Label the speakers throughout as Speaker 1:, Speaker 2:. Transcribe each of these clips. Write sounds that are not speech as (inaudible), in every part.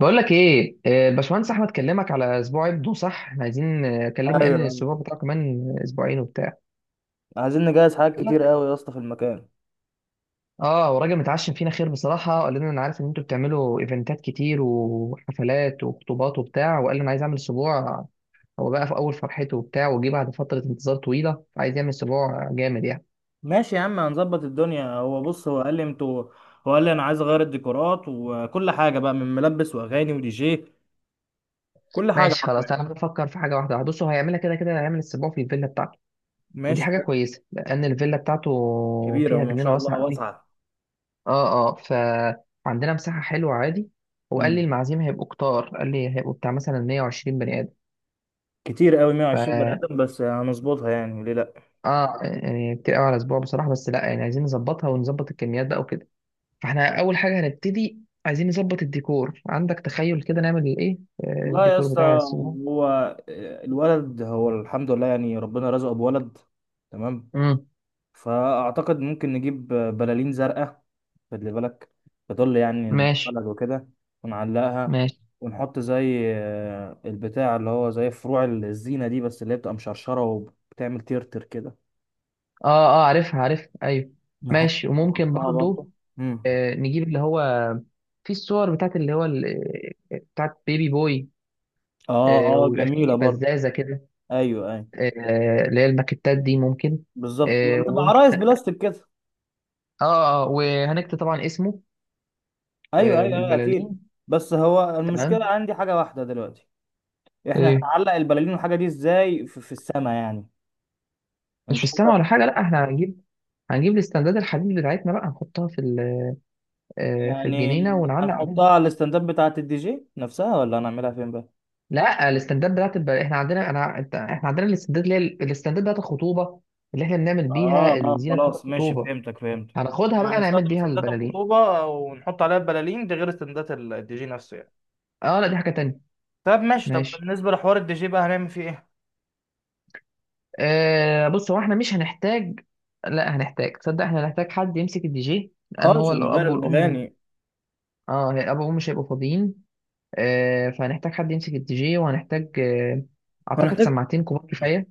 Speaker 1: بقول لك ايه؟ الباشمهندس احمد كلمك على اسبوع ابنه، صح؟ احنا عايزين. كلمني قال لي ان
Speaker 2: ايوه.
Speaker 1: الاسبوع بتاعه كمان اسبوعين وبتاع.
Speaker 2: عايزين نجهز حاجات
Speaker 1: قال
Speaker 2: كتير
Speaker 1: لك.
Speaker 2: قوي يا اسطى في المكان.
Speaker 1: اه وراجل متعشم فينا خير بصراحه، قال لنا انا عارف ان انتوا بتعملوا ايفنتات كتير وحفلات وخطوبات وبتاع، وقال لي انا عايز اعمل اسبوع. هو بقى في اول فرحته وبتاع، وجه بعد فتره انتظار طويله، عايز يعمل اسبوع جامد يعني.
Speaker 2: ماشي يا عم، هنظبط الدنيا. هو بص، هو قال لي انا عايز اغير الديكورات وكل حاجه بقى، من ملبس واغاني ودي جي، كل حاجه
Speaker 1: ماشي خلاص،
Speaker 2: حرفيا.
Speaker 1: تعالى بفكر في حاجه واحده. بص هو هيعملها كده كده، هيعمل اسبوع في الفيلا بتاعته. ودي
Speaker 2: ماشي.
Speaker 1: حاجه
Speaker 2: حاجات
Speaker 1: كويسه لان الفيلا بتاعته
Speaker 2: كبيره
Speaker 1: فيها
Speaker 2: وما
Speaker 1: جنينه
Speaker 2: شاء الله
Speaker 1: واسعه قوي.
Speaker 2: واسعه.
Speaker 1: اه، اه، فعندنا مساحة حلوة عادي. هو قال لي
Speaker 2: مم.
Speaker 1: المعازيم هيبقوا كتار، قال لي هيبقوا بتاع مثلا 120 بني آدم.
Speaker 2: كتير قوي 120 بني
Speaker 1: ف
Speaker 2: ادم، بس هنظبطها يعني، ليه لا.
Speaker 1: اه يعني كتير قوي على اسبوع بصراحة. بس لا يعني عايزين نظبطها ونظبط الكميات بقى وكده. فاحنا أول حاجة هنبتدي. عايزين نظبط الديكور. عندك تخيل كده نعمل ايه؟
Speaker 2: والله يا
Speaker 1: الديكور
Speaker 2: اسطى،
Speaker 1: بتاع الاسبوع.
Speaker 2: هو الولد، هو الحمد لله يعني، ربنا رزقه بولد. تمام.
Speaker 1: امم
Speaker 2: فاعتقد ممكن نجيب بلالين زرقاء، خلي بالك، تظل يعني
Speaker 1: ماشي،
Speaker 2: ندخلها وكده، ونعلقها،
Speaker 1: ماشي.
Speaker 2: ونحط زي البتاع اللي هو زي فروع الزينة دي، بس اللي هي بتبقى مشرشرة وبتعمل ترتر كده.
Speaker 1: اه، اه، عارفها عارفها، ايوه.
Speaker 2: نحط
Speaker 1: ماشي وممكن
Speaker 2: نحطها برضه.
Speaker 1: برضو
Speaker 2: امم.
Speaker 1: نجيب اللي هو في الصور بتاعت اللي هو بتاعت بيبي بوي.
Speaker 2: اه اه،
Speaker 1: ويبقى
Speaker 2: جميلة
Speaker 1: فيه
Speaker 2: برضه.
Speaker 1: بزازة كده.
Speaker 2: ايوه ايوه،
Speaker 1: اللي هي الماكيتات دي ممكن.
Speaker 2: بالظبط، بتبقى
Speaker 1: وممكن.
Speaker 2: عرايس بلاستيك كده.
Speaker 1: وهنكتب طبعا اسمه.
Speaker 2: ايوه ايوه ايوه، اكيد.
Speaker 1: بالبلالين.
Speaker 2: بس هو المشكلة
Speaker 1: تمام.
Speaker 2: عندي حاجة واحدة دلوقتي. احنا
Speaker 1: آه،
Speaker 2: هنعلق البلالين والحاجة دي ازاي في السما يعني؟
Speaker 1: مش
Speaker 2: انت. (laughs)
Speaker 1: فستان ولا حاجة. لا احنا هنجيب، الاستنداد الحديد بتاعتنا بقى نحطها في في
Speaker 2: يعني
Speaker 1: الجنينة ونعلق عليها.
Speaker 2: هنحطها على الستاند اب بتاعة الدي جي نفسها، ولا هنعملها فين بقى؟
Speaker 1: لا، الاستنداد بتاعت احنا عندنا احنا عندنا الاستنداد اللي هي الاستنداد بتاعت الخطوبة. اللي احنا بنعمل
Speaker 2: اه
Speaker 1: بيها
Speaker 2: اه،
Speaker 1: الزينة بتاعت
Speaker 2: خلاص ماشي،
Speaker 1: الخطوبة.
Speaker 2: فهمتك فهمتك.
Speaker 1: هناخدها
Speaker 2: يعني
Speaker 1: بقى نعمل
Speaker 2: هنستخدم
Speaker 1: بيها
Speaker 2: استندات
Speaker 1: البلالين.
Speaker 2: الخطوبة ونحط عليها البلالين دي، غير استندات الدي جي نفسه يعني.
Speaker 1: اه، لا دي حاجة تانية.
Speaker 2: طب ماشي، طب
Speaker 1: ماشي.
Speaker 2: بالنسبة لحوار الدي جي بقى هنعمل فيه ايه؟
Speaker 1: بص، هو احنا مش هنحتاج، لا هنحتاج، تصدق احنا هنحتاج حد يمسك الدي جي لان
Speaker 2: خالص
Speaker 1: هو
Speaker 2: نغير
Speaker 1: الاب والام.
Speaker 2: الأغاني.
Speaker 1: اه، الاب والام مش هيبقوا فاضيين. فهنحتاج حد يمسك الدي جي وهنحتاج اعتقد
Speaker 2: هنحتاج.
Speaker 1: سماعتين كبار كفايه.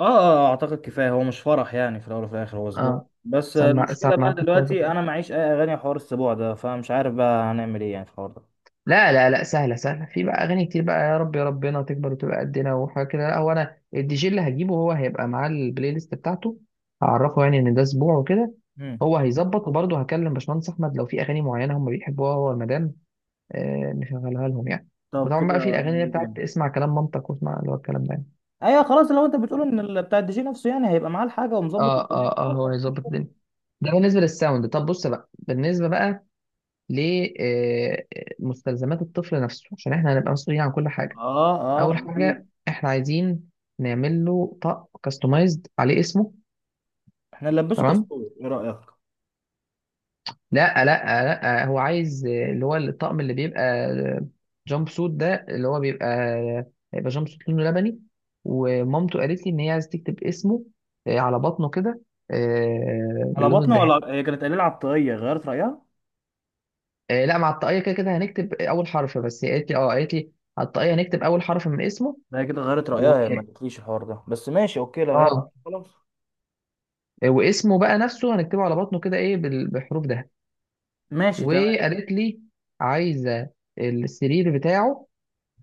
Speaker 2: اه اه، اعتقد كفاية، هو مش فرح يعني، في الأول وفي الآخر هو اسبوع
Speaker 1: اه،
Speaker 2: بس. المشكلة بقى
Speaker 1: سماعتين كبار
Speaker 2: دلوقتي
Speaker 1: كفايه.
Speaker 2: انا معيش اي اغاني حوار السبوع ده، فمش عارف بقى هنعمل ايه يعني في الحوار ده.
Speaker 1: لا، لا، لا، سهله سهله، في بقى اغاني كتير بقى، يا رب يا ربنا تكبر وتبقى قدنا وحاجه كده. لا هو انا الدي جي اللي هجيبه هو هيبقى معاه البلاي ليست بتاعته. هعرفه يعني ان ده اسبوع وكده.
Speaker 2: مم.
Speaker 1: هو هيظبط وبرضه هكلم باشمهندس احمد لو في اغاني معينه هم بيحبوها هو المدام. نشغلها لهم يعني.
Speaker 2: طب
Speaker 1: وطبعا بقى
Speaker 2: كده
Speaker 1: في الاغاني اللي
Speaker 2: هنعمل ايه
Speaker 1: بتاعت
Speaker 2: تاني؟
Speaker 1: اسمع كلام مامتك واسمع اللي هو الكلام ده يعني.
Speaker 2: ايوه خلاص، لو انت بتقول ان بتاع الدي جي نفسه يعني هيبقى معاه الحاجه ومظبط
Speaker 1: اه،
Speaker 2: الدنيا،
Speaker 1: اه، اه،
Speaker 2: خلاص
Speaker 1: هو
Speaker 2: مفيش
Speaker 1: هيظبط
Speaker 2: مشكله.
Speaker 1: الدنيا. ده بالنسبه للساوند. طب بص بقى، بالنسبه بقى لمستلزمات الطفل نفسه عشان احنا هنبقى مسؤولين عن كل حاجه.
Speaker 2: اه اه
Speaker 1: اول
Speaker 2: اكيد.
Speaker 1: حاجه احنا عايزين نعمل له طق كاستمايزد عليه اسمه.
Speaker 2: احنا نلبسه
Speaker 1: تمام.
Speaker 2: كاستور، ايه رايك؟
Speaker 1: لا لا لا هو عايز اللي هو الطقم اللي بيبقى جامب سوت ده اللي هو بيبقى. هيبقى جامب سوت لونه لبني. ومامته قالت لي ان هي عايز تكتب اسمه على بطنه كده،
Speaker 2: على
Speaker 1: باللون
Speaker 2: بطنه
Speaker 1: الذهبي.
Speaker 2: ولا هي كانت قليله على الطاقيه غيرت رايها؟
Speaker 1: لا، مع الطاقية كده كده هنكتب اول حرف. بس هي قالت لي، قالت لي على الطاقية هنكتب اول حرف من اسمه.
Speaker 2: لا هي كده غيرت
Speaker 1: و...
Speaker 2: رايها، هي ما قالتليش الحوار ده، بس ماشي اوكي لو هي.
Speaker 1: اه
Speaker 2: خلاص.
Speaker 1: آه، واسمه بقى نفسه هنكتبه على بطنه كده، ايه، بحروف ده.
Speaker 2: ماشي تمام.
Speaker 1: وقالت لي عايزة السرير بتاعه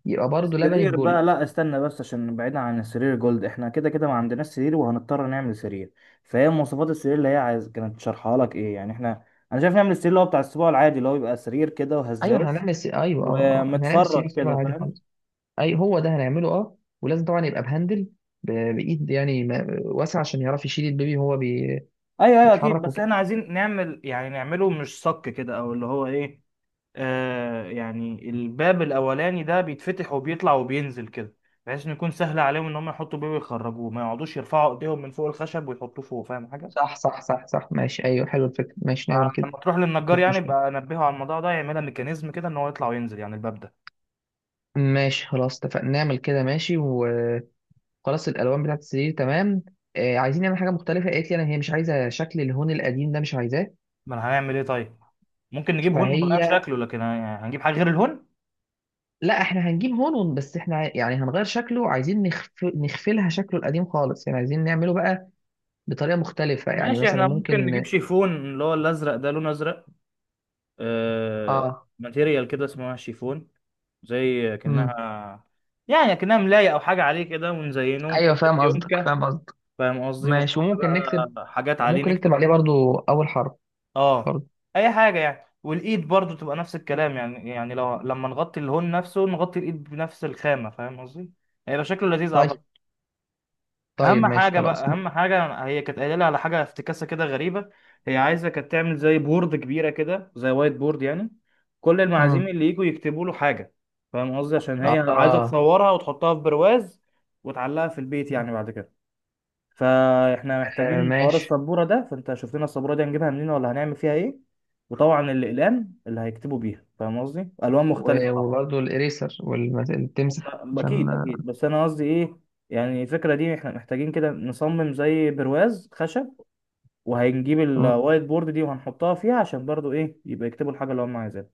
Speaker 1: يبقى برضه لبني في
Speaker 2: السرير بقى،
Speaker 1: جل.
Speaker 2: لا استنى بس، عشان بعيدا عن السرير جولد، احنا كده كده ما عندناش سرير وهنضطر نعمل سرير. فهي مواصفات السرير اللي هي عايز كانت شارحها لك ايه يعني، احنا انا شايف نعمل السرير اللي هو بتاع السبوع العادي، اللي هو بيبقى سرير كده
Speaker 1: ايوه احنا
Speaker 2: وهزاز
Speaker 1: هنعمل ايوه، اه، اه، احنا هنعمل
Speaker 2: ومتفرغ
Speaker 1: سيرين اختبار
Speaker 2: كده،
Speaker 1: عادي
Speaker 2: فاهم؟
Speaker 1: خالص. اي، هو ده هنعمله، اه. ولازم طبعا يبقى بهندل، بايد يعني ما... واسعه عشان يعرف يشيل البيبي وهو
Speaker 2: ايوه ايوه اكيد.
Speaker 1: بيتحرك
Speaker 2: بس
Speaker 1: وكده.
Speaker 2: احنا عايزين نعمل يعني نعمله مش صك كده، او اللي هو ايه، آه يعني الباب الاولاني ده بيتفتح وبيطلع وبينزل كده، بحيث انه يكون سهل عليهم ان هم يحطوا بيه ويخرجوه، ما يقعدوش يرفعوا ايديهم من فوق الخشب ويحطوه فوق، فاهم حاجه؟
Speaker 1: صح، صح، صح، صح، ماشي، ايوه حلو الفكره، ماشي
Speaker 2: آه
Speaker 1: نعمل كده.
Speaker 2: لما تروح للنجار
Speaker 1: مفيش
Speaker 2: يعني
Speaker 1: مشكله.
Speaker 2: يبقى انبهه على الموضوع ده، يعملها ميكانيزم كده ان هو يطلع وينزل يعني الباب ده.
Speaker 1: ماشي خلاص، اتفقنا نعمل كده ماشي وخلاص. الالوان بتاعت السرير، تمام. عايزين نعمل حاجه مختلفه. قالت لي انا، هي مش عايزه شكل الهون القديم ده، مش عايزاه.
Speaker 2: ما أنا هنعمل ايه طيب؟ ممكن نجيب هون ونغير
Speaker 1: فهي
Speaker 2: شكله، لكن هنجيب حاجه غير الهون.
Speaker 1: لا احنا هنجيب هون بس احنا يعني هنغير شكله. عايزين نخفلها شكله القديم خالص يعني، عايزين نعمله بقى بطريقة مختلفة يعني،
Speaker 2: ماشي،
Speaker 1: مثلا
Speaker 2: احنا ممكن نجيب
Speaker 1: ممكن.
Speaker 2: شيفون اللي هو الازرق ده، لونه ازرق. آه،
Speaker 1: اه،
Speaker 2: ماتيريال كده اسمها شيفون، زي
Speaker 1: امم
Speaker 2: كأنها، يعني كأنها ملاية أو حاجة عليه كده، ونزينه
Speaker 1: ايوه
Speaker 2: ونحط
Speaker 1: فاهم
Speaker 2: في
Speaker 1: قصدك،
Speaker 2: يونكة،
Speaker 1: فاهم قصدك.
Speaker 2: فاهم قصدي؟
Speaker 1: ماشي،
Speaker 2: ونحط بقى حاجات عليه
Speaker 1: وممكن نكتب
Speaker 2: نكتب.
Speaker 1: عليه برضو اول حرف،
Speaker 2: اه،
Speaker 1: برضو.
Speaker 2: أي حاجة يعني. والإيد برضو تبقى نفس الكلام يعني، يعني لو لما نغطي الهون نفسه نغطي الإيد بنفس الخامة، فاهم قصدي؟ هيبقى شكله لذيذ أعتقد.
Speaker 1: طيب، طيب،
Speaker 2: اهم
Speaker 1: ماشي
Speaker 2: حاجه
Speaker 1: خلاص.
Speaker 2: بقى، اهم حاجه، هي كانت قايله لي على حاجه افتكاسه كده غريبه. هي عايزه كانت تعمل زي بورد كبيره كده، زي وايت بورد يعني، كل المعازيم
Speaker 1: امم
Speaker 2: اللي يجوا يكتبوا له حاجه، فاهم قصدي؟ عشان هي عايزه
Speaker 1: اه
Speaker 2: تصورها وتحطها في برواز وتعلقها في البيت يعني بعد كده. فاحنا محتاجين حوار
Speaker 1: ماشي.
Speaker 2: السبوره ده، فانت شوف لنا السبوره دي هنجيبها منين، ولا هنعمل فيها ايه. وطبعا الاقلام اللي هيكتبوا بيها، فاهم قصدي، الوان مختلفه طبعا.
Speaker 1: وبرضو الاريسر والتمسح عشان.
Speaker 2: اكيد اكيد، بس انا قصدي ايه، يعني الفكره دي احنا محتاجين كده نصمم زي برواز خشب، وهنجيب
Speaker 1: مم.
Speaker 2: الوايت بورد دي وهنحطها فيها، عشان برضو ايه، يبقى يكتبوا الحاجه اللي هم عايزينها.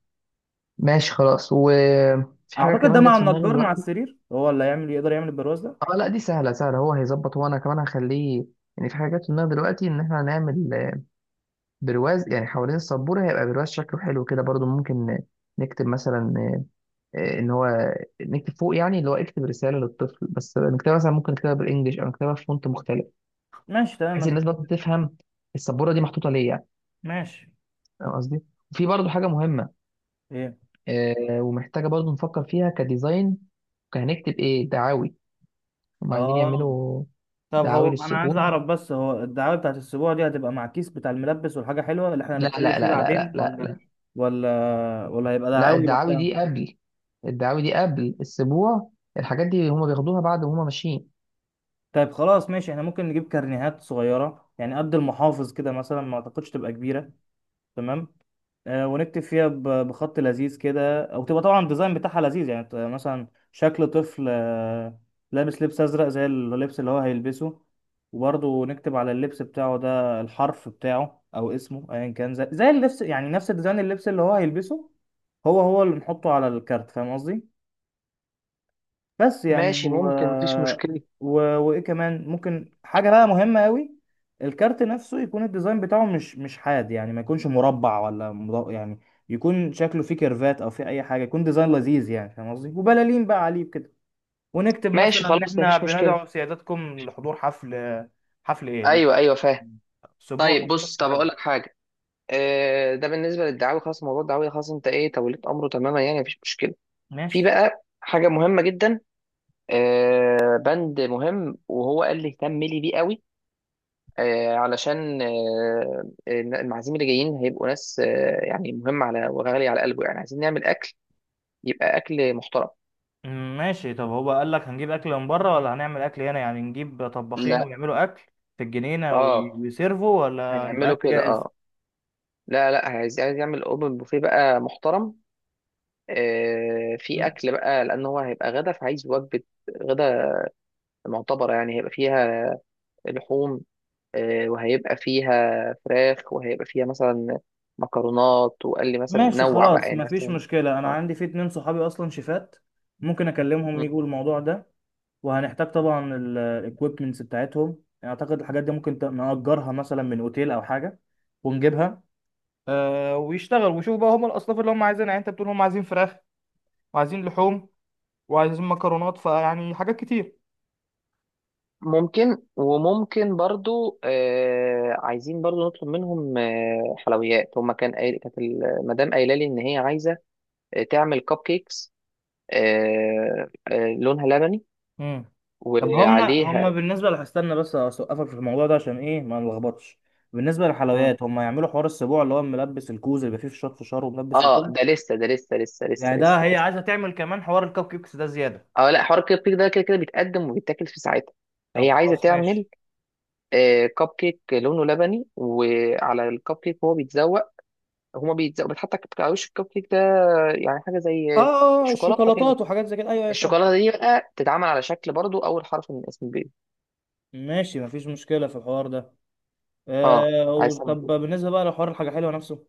Speaker 1: ماشي خلاص، وفي حاجة
Speaker 2: اعتقد ده
Speaker 1: كمان جت
Speaker 2: مع
Speaker 1: في دماغي
Speaker 2: النجار مع
Speaker 1: دلوقتي.
Speaker 2: السرير، هو اللي هيعمل، يقدر يعمل البرواز ده.
Speaker 1: اه، لا دي سهلة سهلة، هو هيظبط وانا كمان هخليه. يعني في حاجة جت في دماغي دلوقتي ان احنا هنعمل برواز يعني حوالين السبورة، هيبقى برواز شكله حلو كده، برضو ممكن نكتب مثلا ان هو نكتب فوق، يعني اللي هو اكتب رسالة للطفل، بس نكتبها مثلا ممكن نكتبها بالانجلش او نكتبها في فونت مختلف.
Speaker 2: ماشي تمام،
Speaker 1: بحيث
Speaker 2: مفيش.
Speaker 1: الناس برضه تفهم السبورة دي محطوطة ليه يعني.
Speaker 2: ماشي.
Speaker 1: فاهم قصدي؟ وفي برضه حاجة مهمة،
Speaker 2: ايه؟
Speaker 1: ومحتاجة برضه نفكر فيها كديزاين. هنكتب ايه دعاوي هم عايزين
Speaker 2: اه
Speaker 1: يعملوا؟
Speaker 2: طب
Speaker 1: دعاوي
Speaker 2: هو انا عايز
Speaker 1: للسبورة.
Speaker 2: اعرف بس، هو الدعايه بتاعت الاسبوع دي هتبقى مع الكيس بتاع الملبس والحاجه حلوه اللي احنا
Speaker 1: لا،
Speaker 2: هنتكلم
Speaker 1: لا،
Speaker 2: فيه
Speaker 1: لا، لا،
Speaker 2: بعدين،
Speaker 1: لا،
Speaker 2: ولا
Speaker 1: لا،
Speaker 2: ولا ولا هيبقى
Speaker 1: لا،
Speaker 2: دعاوي لوحدها؟
Speaker 1: الدعاوي دي قبل السبوع. الحاجات دي هما بياخدوها بعد وهما ماشيين.
Speaker 2: طيب خلاص ماشي، احنا ممكن نجيب كارنيهات صغيرة يعني، قد المحافظ كده مثلا، ما اعتقدش تبقى كبيرة. تمام. آه ونكتب فيها بخط لذيذ كده، او تبقى طبعا الديزاين بتاعها لذيذ يعني، مثلا شكل طفل، آه لابس لبس ازرق زي اللبس اللي هو هيلبسه، وبرضه نكتب على اللبس بتاعه ده الحرف بتاعه او اسمه ايا كان، زي اللبس يعني، نفس ديزاين اللبس اللي هو هيلبسه، هو هو اللي نحطه على الكارت، فاهم قصدي؟ بس يعني
Speaker 1: ماشي ممكن، مفيش مشكلة.
Speaker 2: و... وايه كمان ممكن، حاجه بقى مهمه قوي، الكارت نفسه يكون الديزاين بتاعه مش حاد يعني، ما يكونش مربع ولا يعني يكون شكله فيه كيرفات، او فيه اي حاجه، يكون ديزاين لذيذ يعني، فاهم قصدي؟ وبلالين بقى عليه كده. ونكتب
Speaker 1: ماشي
Speaker 2: مثلا ان
Speaker 1: خلاص،
Speaker 2: احنا
Speaker 1: مفيش مشكلة.
Speaker 2: بندعو سيادتكم لحضور حفل، حفل ايه،
Speaker 1: أيوه، أيوه، فاهم. طيب
Speaker 2: اسبوع
Speaker 1: بص،
Speaker 2: الطفل
Speaker 1: طب
Speaker 2: كذا.
Speaker 1: أقول لك حاجة. ده بالنسبة للدعاوي، خلاص موضوع الدعاوي خلاص، أنت إيه توليت أمره تماما يعني مفيش مشكلة. في
Speaker 2: ماشي.
Speaker 1: بقى حاجة مهمة جدا، بند مهم، وهو قال لي اهتم لي بيه قوي. علشان المعازيم اللي جايين هيبقوا ناس، يعني مهمة على وغالية على قلبه يعني، عايزين نعمل أكل. يبقى اكل محترم.
Speaker 2: مم، ماشي. طب هو قال لك هنجيب اكل من بره، ولا هنعمل اكل هنا يعني، نجيب طباخين
Speaker 1: لا،
Speaker 2: ويعملوا اكل في الجنينه
Speaker 1: اه،
Speaker 2: ويسيرفوا، ولا نبقى
Speaker 1: هيعملوا
Speaker 2: اكل
Speaker 1: كده،
Speaker 2: جاهز؟
Speaker 1: اه. لا، لا، عايز يعمل اوبن بوفيه بقى محترم. في
Speaker 2: مم،
Speaker 1: اكل بقى، لان هو هيبقى غدا فعايز وجبه غدا معتبره يعني، هيبقى فيها لحوم. وهيبقى فيها فراخ، وهيبقى فيها مثلا مكرونات. وقال لي مثلا
Speaker 2: ماشي
Speaker 1: نوع بقى
Speaker 2: خلاص،
Speaker 1: يعني،
Speaker 2: مفيش
Speaker 1: مثلا.
Speaker 2: مشكله، انا
Speaker 1: آه.
Speaker 2: عندي في اتنين صحابي اصلا شيفات، ممكن اكلمهم
Speaker 1: م.
Speaker 2: يجوا الموضوع ده. وهنحتاج طبعا الاكويبمنتس بتاعتهم، يعني اعتقد الحاجات دي ممكن نأجرها مثلا من اوتيل او حاجه ونجيبها. آه ويشتغل ويشوف بقى هم الاصناف اللي هم عايزينها، يعني انت بتقول هم عايزين فراخ وعايزين لحوم وعايزين مكرونات، فيعني حاجات كتير.
Speaker 1: ممكن. وممكن برضو عايزين برضو نطلب منهم حلويات. هما كانت المدام قايله لي ان هي عايزه تعمل كب كيكس لونها لبني
Speaker 2: مم. طب هما
Speaker 1: وعليها.
Speaker 2: بالنسبة استنى بس أوقفك في الموضوع ده عشان إيه ما نلخبطش. بالنسبة
Speaker 1: مم.
Speaker 2: للحلويات، هما يعملوا حوار السبوع اللي هو ملبس الكوز اللي بيبقى فيه فشار وملبس
Speaker 1: اه،
Speaker 2: وكده،
Speaker 1: ده لسه، ده لسه لسه لسه
Speaker 2: يعني ده
Speaker 1: لسه
Speaker 2: هي
Speaker 1: لسه.
Speaker 2: عايزة تعمل كمان حوار الكب كيكس ده زيادة؟
Speaker 1: اه، لا، حوار الكب كيك ده كده كده بيتقدم وبيتاكل في ساعتها.
Speaker 2: طب
Speaker 1: هي عايزه
Speaker 2: خلاص
Speaker 1: تعمل
Speaker 2: ماشي.
Speaker 1: كب كيك لونه لبني، وعلى الكب كيك هو بيتزوق. هما بيتزوق، بتحط على وش الكب كيك ده، يعني حاجه زي
Speaker 2: اه اه،
Speaker 1: شوكولاته كده.
Speaker 2: الشوكولاتات وحاجات زي كده، ايوه ايوه فاهم.
Speaker 1: الشوكولاته دي بقى تتعمل على شكل برضو اول حرف من اسم البيبي.
Speaker 2: ماشي، مفيش مشكلة في الحوار ده.
Speaker 1: اه،
Speaker 2: آه
Speaker 1: عايز تعمل
Speaker 2: طب
Speaker 1: كده.
Speaker 2: بالنسبة بقى لحوار الحاجة حلوة نفسه،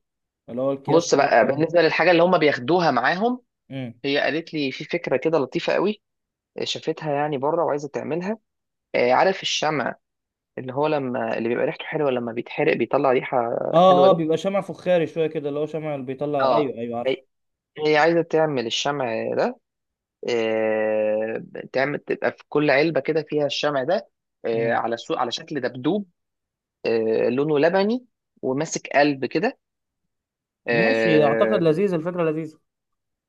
Speaker 2: اللي هو الأكياس اللي
Speaker 1: بص
Speaker 2: أنا بقولك
Speaker 1: بقى
Speaker 2: عليها.
Speaker 1: بالنسبه للحاجه اللي هم بياخدوها معاهم.
Speaker 2: مم.
Speaker 1: هي قالت لي في فكرة كده لطيفة قوي، شافتها يعني بره وعايزة تعملها. عارف الشمع اللي هو لما اللي بيبقى ريحته حلوة، لما بيتحرق بيطلع ريحة
Speaker 2: اه
Speaker 1: حلوة
Speaker 2: اه،
Speaker 1: ده.
Speaker 2: بيبقى شمع فخاري شوية كده، اللي هو شمع اللي بيطلع، ايوه
Speaker 1: اه،
Speaker 2: ايوه
Speaker 1: هي هي عايزة تعمل الشمع ده. آه، تعمل تبقى في كل علبة كده فيها الشمع ده.
Speaker 2: عارفه.
Speaker 1: على على شكل دبدوب. لونه لبني وماسك قلب كده.
Speaker 2: ماشي، اعتقد
Speaker 1: اه
Speaker 2: لذيذ، الفكره لذيذه.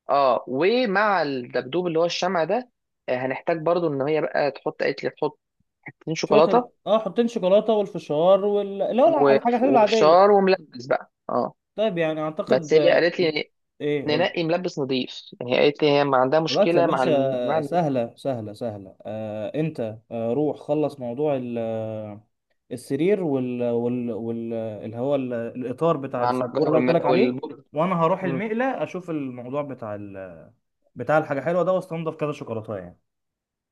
Speaker 1: ومع الدبدوب اللي هو الشمع ده. هنحتاج برضو ان هي بقى تحط، قالت لي تحط حتتين
Speaker 2: شويه
Speaker 1: شوكولاتة.
Speaker 2: حطين شوكولاته والفشار وال، اللي هو الحاجه الحلوه العاديه.
Speaker 1: وفشار وملبس بقى، اه.
Speaker 2: طيب يعني
Speaker 1: بس
Speaker 2: اعتقد
Speaker 1: هي قالت لي:
Speaker 2: ايه قولي.
Speaker 1: ننقي ملبس نظيف. يعني هي قالت لي هي ما عندها
Speaker 2: خلاص يا
Speaker 1: مشكله مع مع
Speaker 2: باشا، سهله سهله سهله. آه انت، آه روح خلص موضوع السرير وال وال وال آه، اللي هو ال- الاطار بتاع
Speaker 1: مع
Speaker 2: السبوره
Speaker 1: النجار
Speaker 2: اللي قلت لك عليه.
Speaker 1: والبرد.
Speaker 2: وانا هروح
Speaker 1: مم.
Speaker 2: المقله اشوف الموضوع بتاع ال... بتاع الحاجه حلوه ده، واستنضف كذا شوكولاته يعني.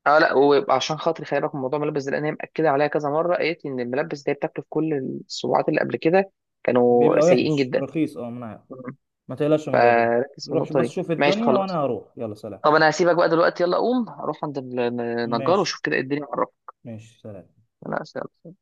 Speaker 1: اه، لا وعشان خاطري خلي بالك من موضوع الملبس ده لان هي مأكده عليها كذا مره. قالت لي ان الملبس ده بتاكله في كل الصباعات اللي قبل كده كانوا
Speaker 2: بيبقى
Speaker 1: سيئين
Speaker 2: وحش
Speaker 1: جدا.
Speaker 2: رخيص، اه من،
Speaker 1: مم.
Speaker 2: ما تقلقش من الموضوع ده.
Speaker 1: فركز في
Speaker 2: روح
Speaker 1: النقطه
Speaker 2: بس
Speaker 1: دي،
Speaker 2: شوف
Speaker 1: ماشي
Speaker 2: الدنيا وانا
Speaker 1: خلاص.
Speaker 2: هروح، يلا سلام.
Speaker 1: طب انا هسيبك بقى دلوقتي. يلا قوم اروح عند النجار
Speaker 2: ماشي،
Speaker 1: واشوف كده إيه الدنيا، اعرفك.
Speaker 2: ماشي سلام.
Speaker 1: انا